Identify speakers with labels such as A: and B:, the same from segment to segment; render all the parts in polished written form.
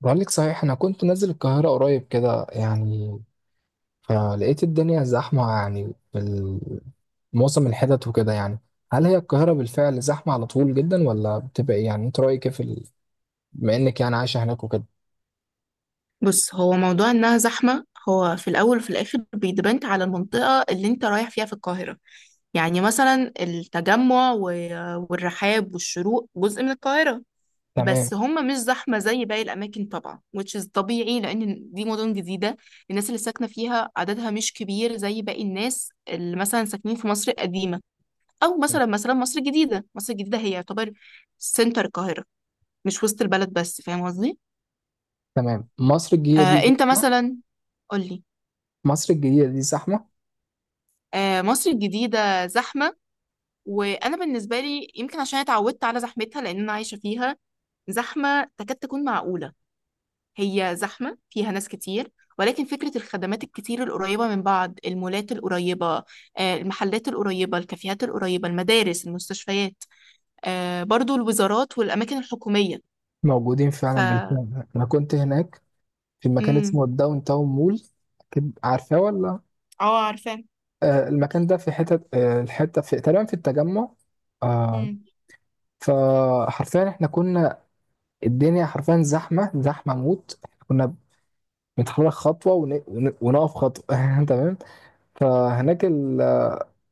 A: بقول لك صحيح انا كنت نازل القاهره قريب كده يعني. فلقيت الدنيا زحمه يعني معظم الحتت وكده يعني. هل هي القاهره بالفعل زحمه على طول جدا ولا بتبقى إيه؟ يعني انت رايك إيه في ال... بما انك يعني عايشه هناك وكده.
B: بص، هو موضوع انها زحمة. هو في الاول وفي الاخر بيدبنت على المنطقة اللي انت رايح فيها في القاهرة. يعني مثلا التجمع والرحاب والشروق جزء من القاهرة.
A: تمام.
B: بس هم مش زحمة زي باقي الأماكن، طبعا which is طبيعي لأن دي مدن جديدة. الناس اللي ساكنة فيها عددها مش كبير زي باقي الناس اللي مثلا ساكنين في مصر القديمة. أو مثلا مصر الجديدة. مصر الجديدة هي يعتبر سنتر القاهرة، مش وسط البلد بس. فاهم قصدي؟
A: تمام، مصر الجديده دي
B: آه، أنت
A: زحمه.
B: مثلا. قولي.
A: مصر الجديده دي زحمه
B: آه، مصر الجديدة زحمة. وأنا بالنسبة لي يمكن عشان اتعودت على زحمتها، لأن أنا عايشة فيها، زحمة تكاد تكون معقولة. هي زحمة فيها ناس كتير، ولكن فكرة الخدمات الكتير القريبة من بعض، المولات القريبة، المحلات القريبة، الكافيهات القريبة، المدارس، المستشفيات، برضو الوزارات والأماكن الحكومية.
A: موجودين
B: ف
A: فعلا، بالفعل انا كنت هناك في مكان
B: مم.
A: اسمه الداون تاون مول، اكيد عارفاه ولا.
B: اه، عارفة.
A: آه المكان ده في حتت، الحته في تقريبا في التجمع. آه،
B: مم.
A: فحرفيا احنا كنا، الدنيا حرفيا زحمه، زحمه موت، احنا كنا بنتحرك خطوه ونقف خطوه. تمام. فهناك ال...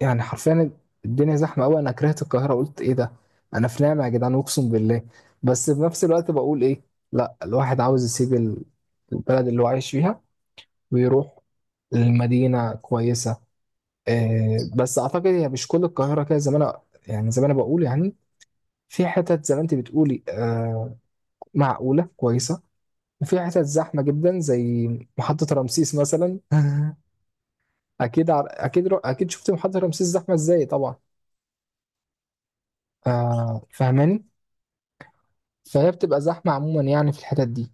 A: يعني حرفيا الدنيا زحمه قوي، انا كرهت القاهره، قلت ايه ده؟ انا في نعمه يا جدعان اقسم بالله. بس في نفس الوقت بقول ايه، لا الواحد عاوز يسيب البلد اللي هو عايش فيها ويروح. المدينة كويسة، بس أعتقد هي مش كل القاهرة كده زي ما أنا، يعني زي ما أنا بقول يعني، في حتت زي ما أنت بتقولي، معقولة كويسة. وفي حتت زحمة جدا زي محطة رمسيس مثلا. أكيد عر... أكيد رو... أكيد شفت محطة رمسيس زحمة إزاي طبعا. آه فاهماني. فهي بتبقى زحمة عموما يعني في الحتت دي.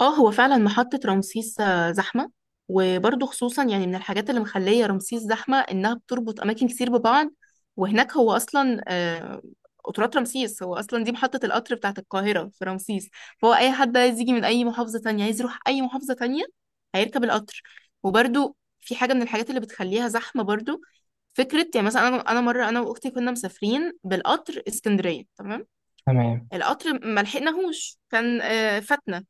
B: اه، هو فعلا محطة رمسيس زحمة. وبرضه خصوصا يعني من الحاجات اللي مخلية رمسيس زحمة إنها بتربط أماكن كتير ببعض. وهناك هو أصلا قطارات رمسيس، هو أصلا دي محطة القطر بتاعة القاهرة في رمسيس. فهو أي حد عايز يجي من أي محافظة تانية، عايز يروح أي محافظة تانية، هيركب القطر. وبرضه في حاجة من الحاجات اللي بتخليها زحمة برضه، فكرة يعني مثلا، أنا مرة أنا وأختي كنا مسافرين بالقطر اسكندرية. تمام.
A: تمام،
B: القطر ما لحقناهوش، كان فاتنا.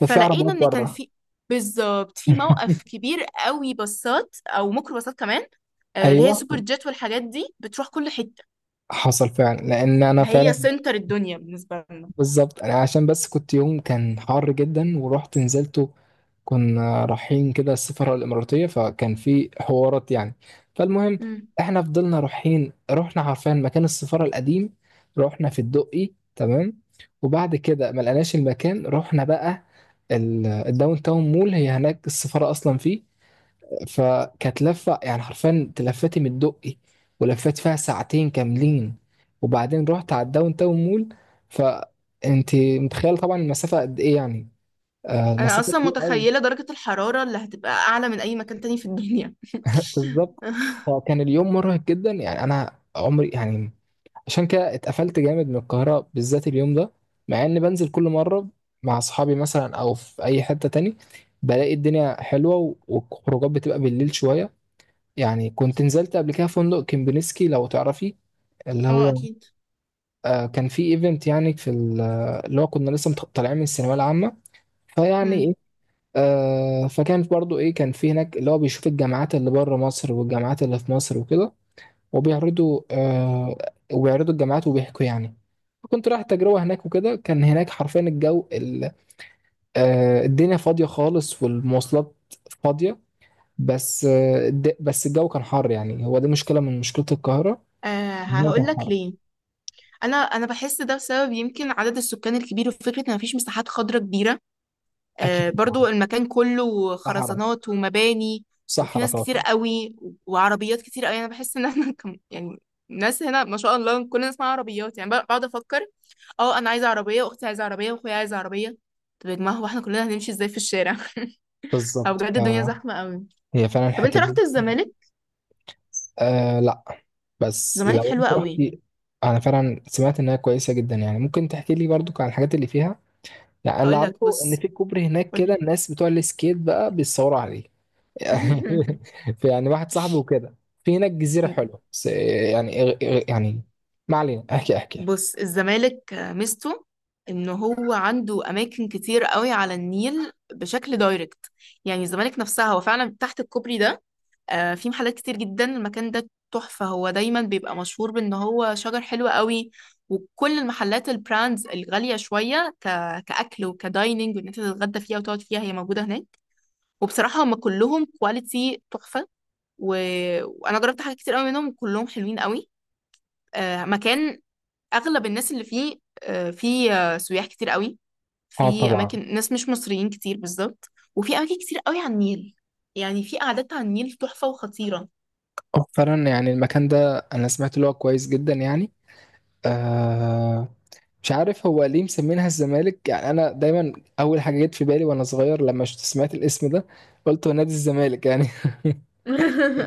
A: ده في عربيات
B: ان كان
A: بره.
B: في، بالظبط، في موقف كبير قوي باصات او ميكرو باصات كمان، اللي هي
A: أيوه
B: سوبر جيت والحاجات دي، بتروح كل حتة.
A: حصل فعلا، لأن أنا
B: هي
A: فعلا
B: سنتر الدنيا بالنسبة لنا.
A: بالظبط، عشان بس كنت يوم كان حر جدا ورحت نزلته. كنا رايحين كده السفارة الإماراتية، فكان في حوارات يعني. فالمهم
B: مم.
A: احنا فضلنا رايحين، رحنا عارفين مكان السفارة القديم، رحنا في الدقي، تمام. وبعد كده ما لقناش المكان، رحنا بقى الداون تاون مول، هي هناك السفارة أصلا فيه. فكانت لفة يعني حرفيا، تلفتي من الدقي ولفيت فيها ساعتين كاملين وبعدين رحت على الداون تاون مول. فانت متخيل طبعا المسافة قد ايه يعني، آه
B: انا
A: المسافة
B: اصلا
A: كبيرة قوي.
B: متخيلة درجة الحرارة اللي هتبقى اعلى من اي مكان تاني في الدنيا.
A: بالظبط، فكان اليوم مرهق جدا يعني، انا عمري يعني، عشان كده اتقفلت جامد من القاهرة بالذات اليوم ده، مع اني بنزل كل مرة مع اصحابي مثلا او في اي حتة تاني بلاقي الدنيا حلوة، والخروجات بتبقى بالليل شوية يعني. كنت نزلت قبل كده فندق كيمبينسكي لو تعرفي، اللي
B: اه،
A: هو،
B: اكيد.
A: آه كان في ايفنت يعني في اللي هو كنا طالعين من الثانويه العامه، فيعني
B: مم.
A: ايه. فكان برضو ايه، كان في هناك اللي هو بيشوف الجامعات اللي بره مصر والجامعات اللي في مصر وكده، وبيعرضوا آه وبيعرضوا الجامعات وبيحكوا يعني. كنت رايح تجربة هناك وكده، كان هناك حرفيا الجو ال... آه الدنيا فاضية خالص والمواصلات فاضية. بس بس الجو كان حر، يعني هو دي مشكلة من مشكلة القاهرة،
B: آه، هقول
A: الوضع
B: لك
A: حر.
B: ليه. انا بحس ده بسبب يمكن عدد السكان الكبير، وفكره ان مفيش مساحات خضراء كبيره.
A: اكيد طبعا،
B: برضو المكان كله
A: صحراء،
B: خرزانات ومباني. وفي
A: صحراء
B: ناس كتير
A: طبعا.
B: قوي وعربيات كتير قوي، انا بحس ان احنا كم يعني. الناس هنا ما شاء الله كلنا اسمها عربيات، يعني بقعد افكر، اه انا عايزه عربيه، واختي عايزه عربيه، واخويا عايز عربيه. طب يا جماعه، هو احنا كلنا هنمشي ازاي في الشارع؟ او
A: بالظبط،
B: بجد الدنيا زحمه
A: فهي
B: قوي.
A: فعلا
B: طب انت
A: الحته
B: رحت
A: دي.
B: الزمالك؟
A: آه لا، بس
B: الزمالك
A: لو
B: حلوه
A: انت
B: قوي.
A: رحتي، انا فعلا سمعت انها كويسه جدا يعني. ممكن تحكي لي برضو عن الحاجات اللي فيها، يعني أنا اللي
B: هقول لك،
A: اعرفه ان
B: بص.
A: في كوبري هناك كده
B: قول
A: الناس بتوع السكيت بقى بيتصوروا عليه. في يعني واحد صاحبي وكده في هناك جزيره
B: لي.
A: حلوه، بس يعني يعني ما علينا، احكي احكي.
B: بص، الزمالك ميزته ان هو عنده اماكن كتير قوي على النيل بشكل دايركت. يعني الزمالك نفسها، هو فعلا تحت الكوبري ده، في محلات كتير جدا. المكان ده تحفة، هو دايما بيبقى مشهور بان هو شجر حلو قوي. وكل المحلات، البراندز الغالية شوية، كأكل وكدايننج، وان انت تتغدى فيها وتقعد فيها، هي موجودة هناك. وبصراحة هم كلهم كواليتي تحفة. و... وانا جربت حاجات كتير قوي منهم، كلهم حلوين قوي. آه، مكان اغلب الناس اللي فيه، آه، في آه، سياح كتير قوي.
A: اه
B: في
A: طبعا.
B: اماكن ناس مش مصريين كتير بالظبط. وفي اماكن كتير قوي على النيل، يعني في قعدات على النيل تحفة وخطيرة.
A: آه، فعلا يعني المكان ده انا سمعت اللي هو كويس جدا يعني. آه، مش عارف هو ليه مسمينها الزمالك، يعني انا دايما اول حاجه جت في بالي وانا صغير لما شفت سمعت الاسم ده، قلت هو نادي الزمالك يعني.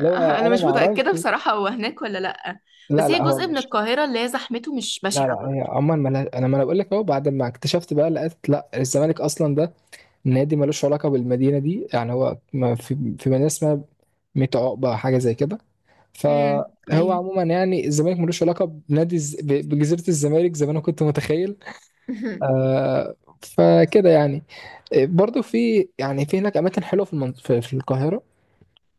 A: لو
B: انا
A: انا
B: مش
A: ما
B: متأكدة
A: اعرفش.
B: بصراحة هو هناك ولا لأ.
A: لا
B: بس هي
A: لا هو
B: جزء من
A: مش،
B: القاهرة اللي هي زحمته مش
A: لا لا
B: بشعة
A: هي
B: برضه.
A: عموما ما لها- انا ما انا بقول لك اهو، بعد ما اكتشفت بقى لقيت لا الزمالك اصلا ده نادي ملوش علاقه بالمدينه دي، يعني هو ما في في مدينه اسمها ميت عقبه حاجه زي كده.
B: امم،
A: فهو
B: ايوه.
A: عموما يعني الزمالك ملوش علاقه بجزيره الزمالك زي ما انا كنت متخيل. آه، فكده يعني. آه، برضو في يعني في هناك اماكن حلوه في في القاهره.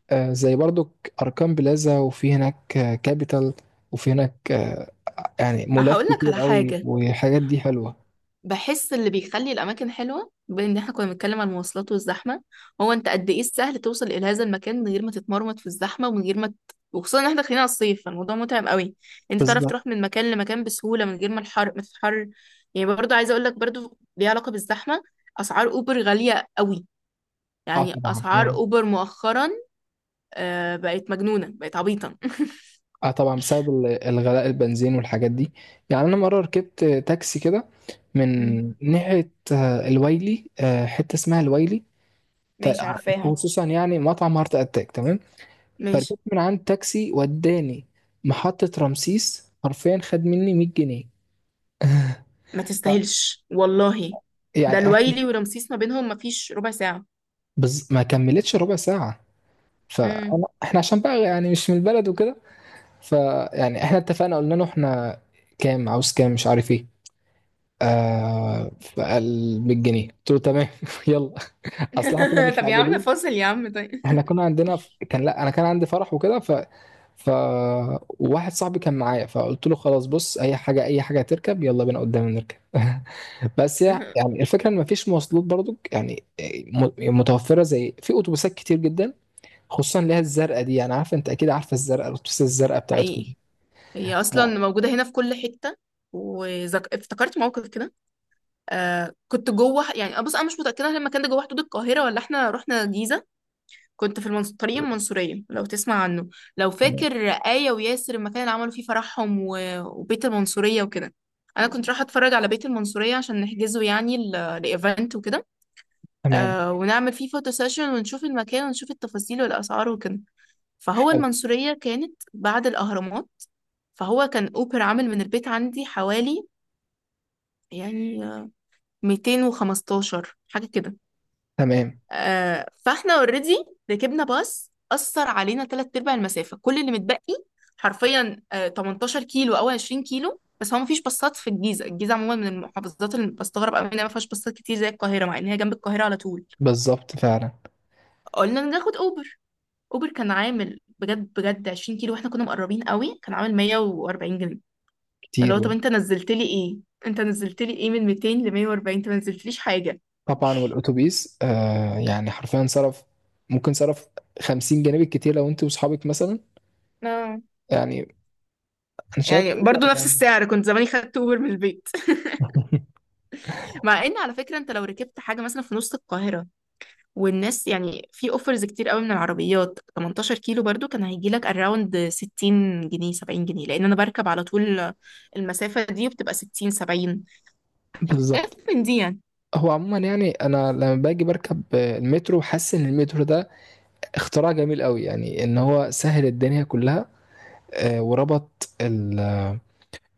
A: آه زي برضو اركان بلازا، وفي هناك آه كابيتال، وفي هناك آه يعني مولات
B: هقول لك
A: كتير
B: على
A: قوي
B: حاجة.
A: والحاجات دي حلوه.
B: بحس اللي بيخلي الأماكن حلوة، بما إن إحنا كنا بنتكلم عن المواصلات والزحمة، هو أنت قد إيه السهل توصل إلى هذا المكان من غير ما تتمرمط في الزحمة، ومن غير ما وخصوصا إن إحنا داخلين على الصيف، فالموضوع متعب قوي. أنت تعرف
A: بالظبط.
B: تروح من مكان لمكان بسهولة من غير ما الحر ما تتحر. يعني برضه عايزة أقول لك برضه ليها علاقة بالزحمة. أسعار أوبر غالية قوي.
A: اه
B: يعني
A: طبعا
B: أسعار
A: يعني.
B: أوبر مؤخرا بقت مجنونة، بقت عبيطة.
A: اه طبعا بسبب الغلاء، البنزين والحاجات دي. يعني انا مره ركبت آه، تاكسي كده من
B: مم.
A: ناحيه آه الويلي، حته اسمها الويلي، تا-
B: ماشي، عارفاها.
A: خصوصا يعني مطعم هارت اتاك، تمام.
B: ماشي.
A: فركبت من عند تاكسي وداني محطة رمسيس، حرفيا خد مني 100 جنيه.
B: ما
A: ف-
B: تستاهلش والله. ده
A: يعني إح-
B: الويلي ورمسيس ما بينهم ما فيش ربع ساعة.
A: ما كملتش ربع ساعة. فاحنا
B: امم.
A: عشان بقى يعني مش من البلد وكده، فيعني احنا اتفقنا قلنا له احنا كام عاوز، كام، مش عارف ايه. آه فقال 100 جنيه، قلت له تمام، يلا. اصل احنا كنا
B: طب يا عم،
A: مستعجلين،
B: فاصل يا عم، طيب.
A: احنا كنا عندنا ف... كان لا، انا كان عندي فرح وكده، ف ف واحد صاحبي كان معايا، فقلت له خلاص بص، اي حاجه، اي حاجه تركب يلا بينا قدام نركب. بس يعني الفكره ان مفيش مواصلات برضو يعني، م- متوفره، زي في اتوبيسات كتير جدا، خصوصا اللي هي الزرقاء دي. يعني عارفه، انت اكيد عارفه الزرقاء، الاتوبيسات الزرقاء بتاعتكم.
B: حقيقي، هي اصلا
A: آه،
B: موجوده هنا في كل حته. افتكرت موقف كده. آه، كنت جوه، يعني بص، انا مش متاكده هل المكان ده جوه حدود القاهره ولا احنا رحنا الجيزه. كنت في طريق المنصوريه، لو تسمع عنه، لو
A: تمام.
B: فاكر آية وياسر المكان اللي عملوا فيه فرحهم، وبيت المنصوريه وكده. انا كنت رايحه اتفرج على بيت المنصوريه عشان نحجزه، يعني لايفنت وكده.
A: تمام.
B: آه، ونعمل فيه فوتو سيشن ونشوف المكان ونشوف التفاصيل والاسعار وكده. فهو
A: حلو.
B: المنصورية كانت بعد الأهرامات. فهو كان أوبر عامل من البيت عندي حوالي، يعني، 215 حاجة كده.
A: تمام.
B: آه، فاحنا اوريدي ركبنا باص، أثر علينا تلات أرباع المسافة، كل اللي متبقي حرفيا آه 18 كيلو أو 20 كيلو. بس هو مفيش باصات في الجيزة. الجيزة عموما من المحافظات اللي بستغرب أوي إنها مفيهاش باصات كتير زي القاهرة، مع إن هي جنب القاهرة على طول.
A: بالظبط، فعلا
B: قلنا ناخد أوبر. أوبر كان عامل بجد بجد 20 كيلو واحنا كنا مقربين قوي، كان عامل 140 جنيه.
A: كتير
B: فلو طب انت
A: والله.
B: نزلت لي ايه؟ انت نزلت لي ايه من 200 ل 140؟ انت ما نزلتليش حاجه.
A: طبعا، والاتوبيس آه يعني حرفيا صرف، ممكن صرف 50 جنيه بالكتير لو انت واصحابك مثلا
B: اه.
A: يعني، انا شايف.
B: يعني برضو نفس السعر كنت زماني خدت اوبر من البيت. مع ان على فكره انت لو ركبت حاجه مثلا في نص القاهره، والناس يعني في اوفرز كتير قوي من العربيات، 18 كيلو برضو كان هيجي لك اراوند 60 جنيه 70 جنيه، لان انا بركب على طول المسافه دي وبتبقى 60 70. اف
A: بالظبط.
B: من دي، يعني.
A: هو عموما يعني انا لما باجي بركب المترو حاسس ان المترو ده اختراع جميل قوي يعني، ان هو سهل الدنيا كلها. آه، وربط ال...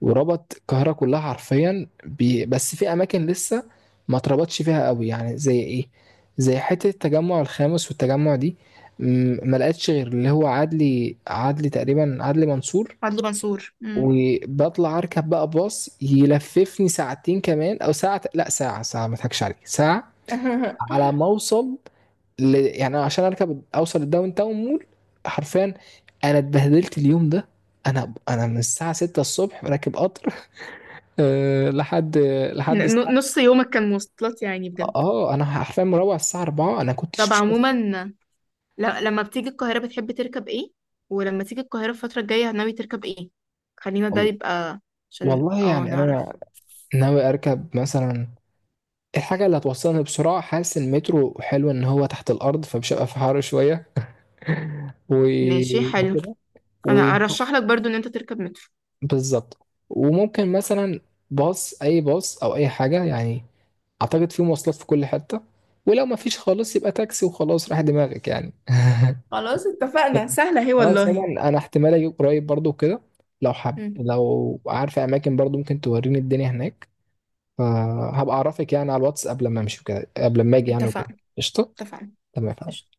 A: وربط القاهره كلها حرفيا بس في اماكن لسه ما اتربطش فيها قوي، يعني زي ايه، زي حته التجمع الخامس والتجمع دي، ما لقيتش غير اللي هو عدلي، تقريبا عدلي منصور.
B: عدلي منصور. مم.
A: وبطلع اركب بقى باص يلففني ساعتين كمان او ساعه، لا ساعه، ما اضحكش عليك، ساعه على ما اوصل ل... يعني أنا عشان اركب اوصل الداون تاون مول حرفيا انا اتبهدلت اليوم ده. انا من الساعه 6 الصبح راكب قطر. أه لحد الساعه،
B: نص يومك كان مواصلات، يعني بجد؟
A: اه انا حرفيا مروح الساعه 4. انا كنتش
B: طب
A: مش شايف-
B: عموما، لما بتيجي القاهرة بتحب تركب ايه؟ ولما تيجي القاهرة الفترة الجاية ناوي تركب ايه؟ خلينا ده يبقى عشان
A: والله
B: اه
A: يعني انا
B: نعرف.
A: ناوي اركب مثلا الحاجه اللي هتوصلني بسرعه، حاسس إن المترو حلو ان هو تحت الارض فمش هبقى في حر شويه.
B: ماشي، حلو.
A: وكده.
B: انا
A: و-
B: ارشح لك برضو ان انت تركب مترو.
A: بالظبط. وممكن مثلا باص، اي باص او اي حاجه يعني، اعتقد في مواصلات في كل حته. ولو ما فيش خالص يبقى تاكسي وخلاص راح دماغك يعني.
B: خلاص، اتفقنا،
A: طيب.
B: سهلة هي
A: خلاص
B: والله.
A: عموما انا احتمال اجي قريب برضو كده، لو حب،
B: مم.
A: لو عارفه اماكن برضو ممكن توريني الدنيا هناك، فهبقى اعرفك يعني على الواتس قبل ما امشي وكده، قبل ما اجي يعني وكده.
B: اتفقنا.
A: قشطه.
B: اتفقنا.
A: تمام.
B: قشطة.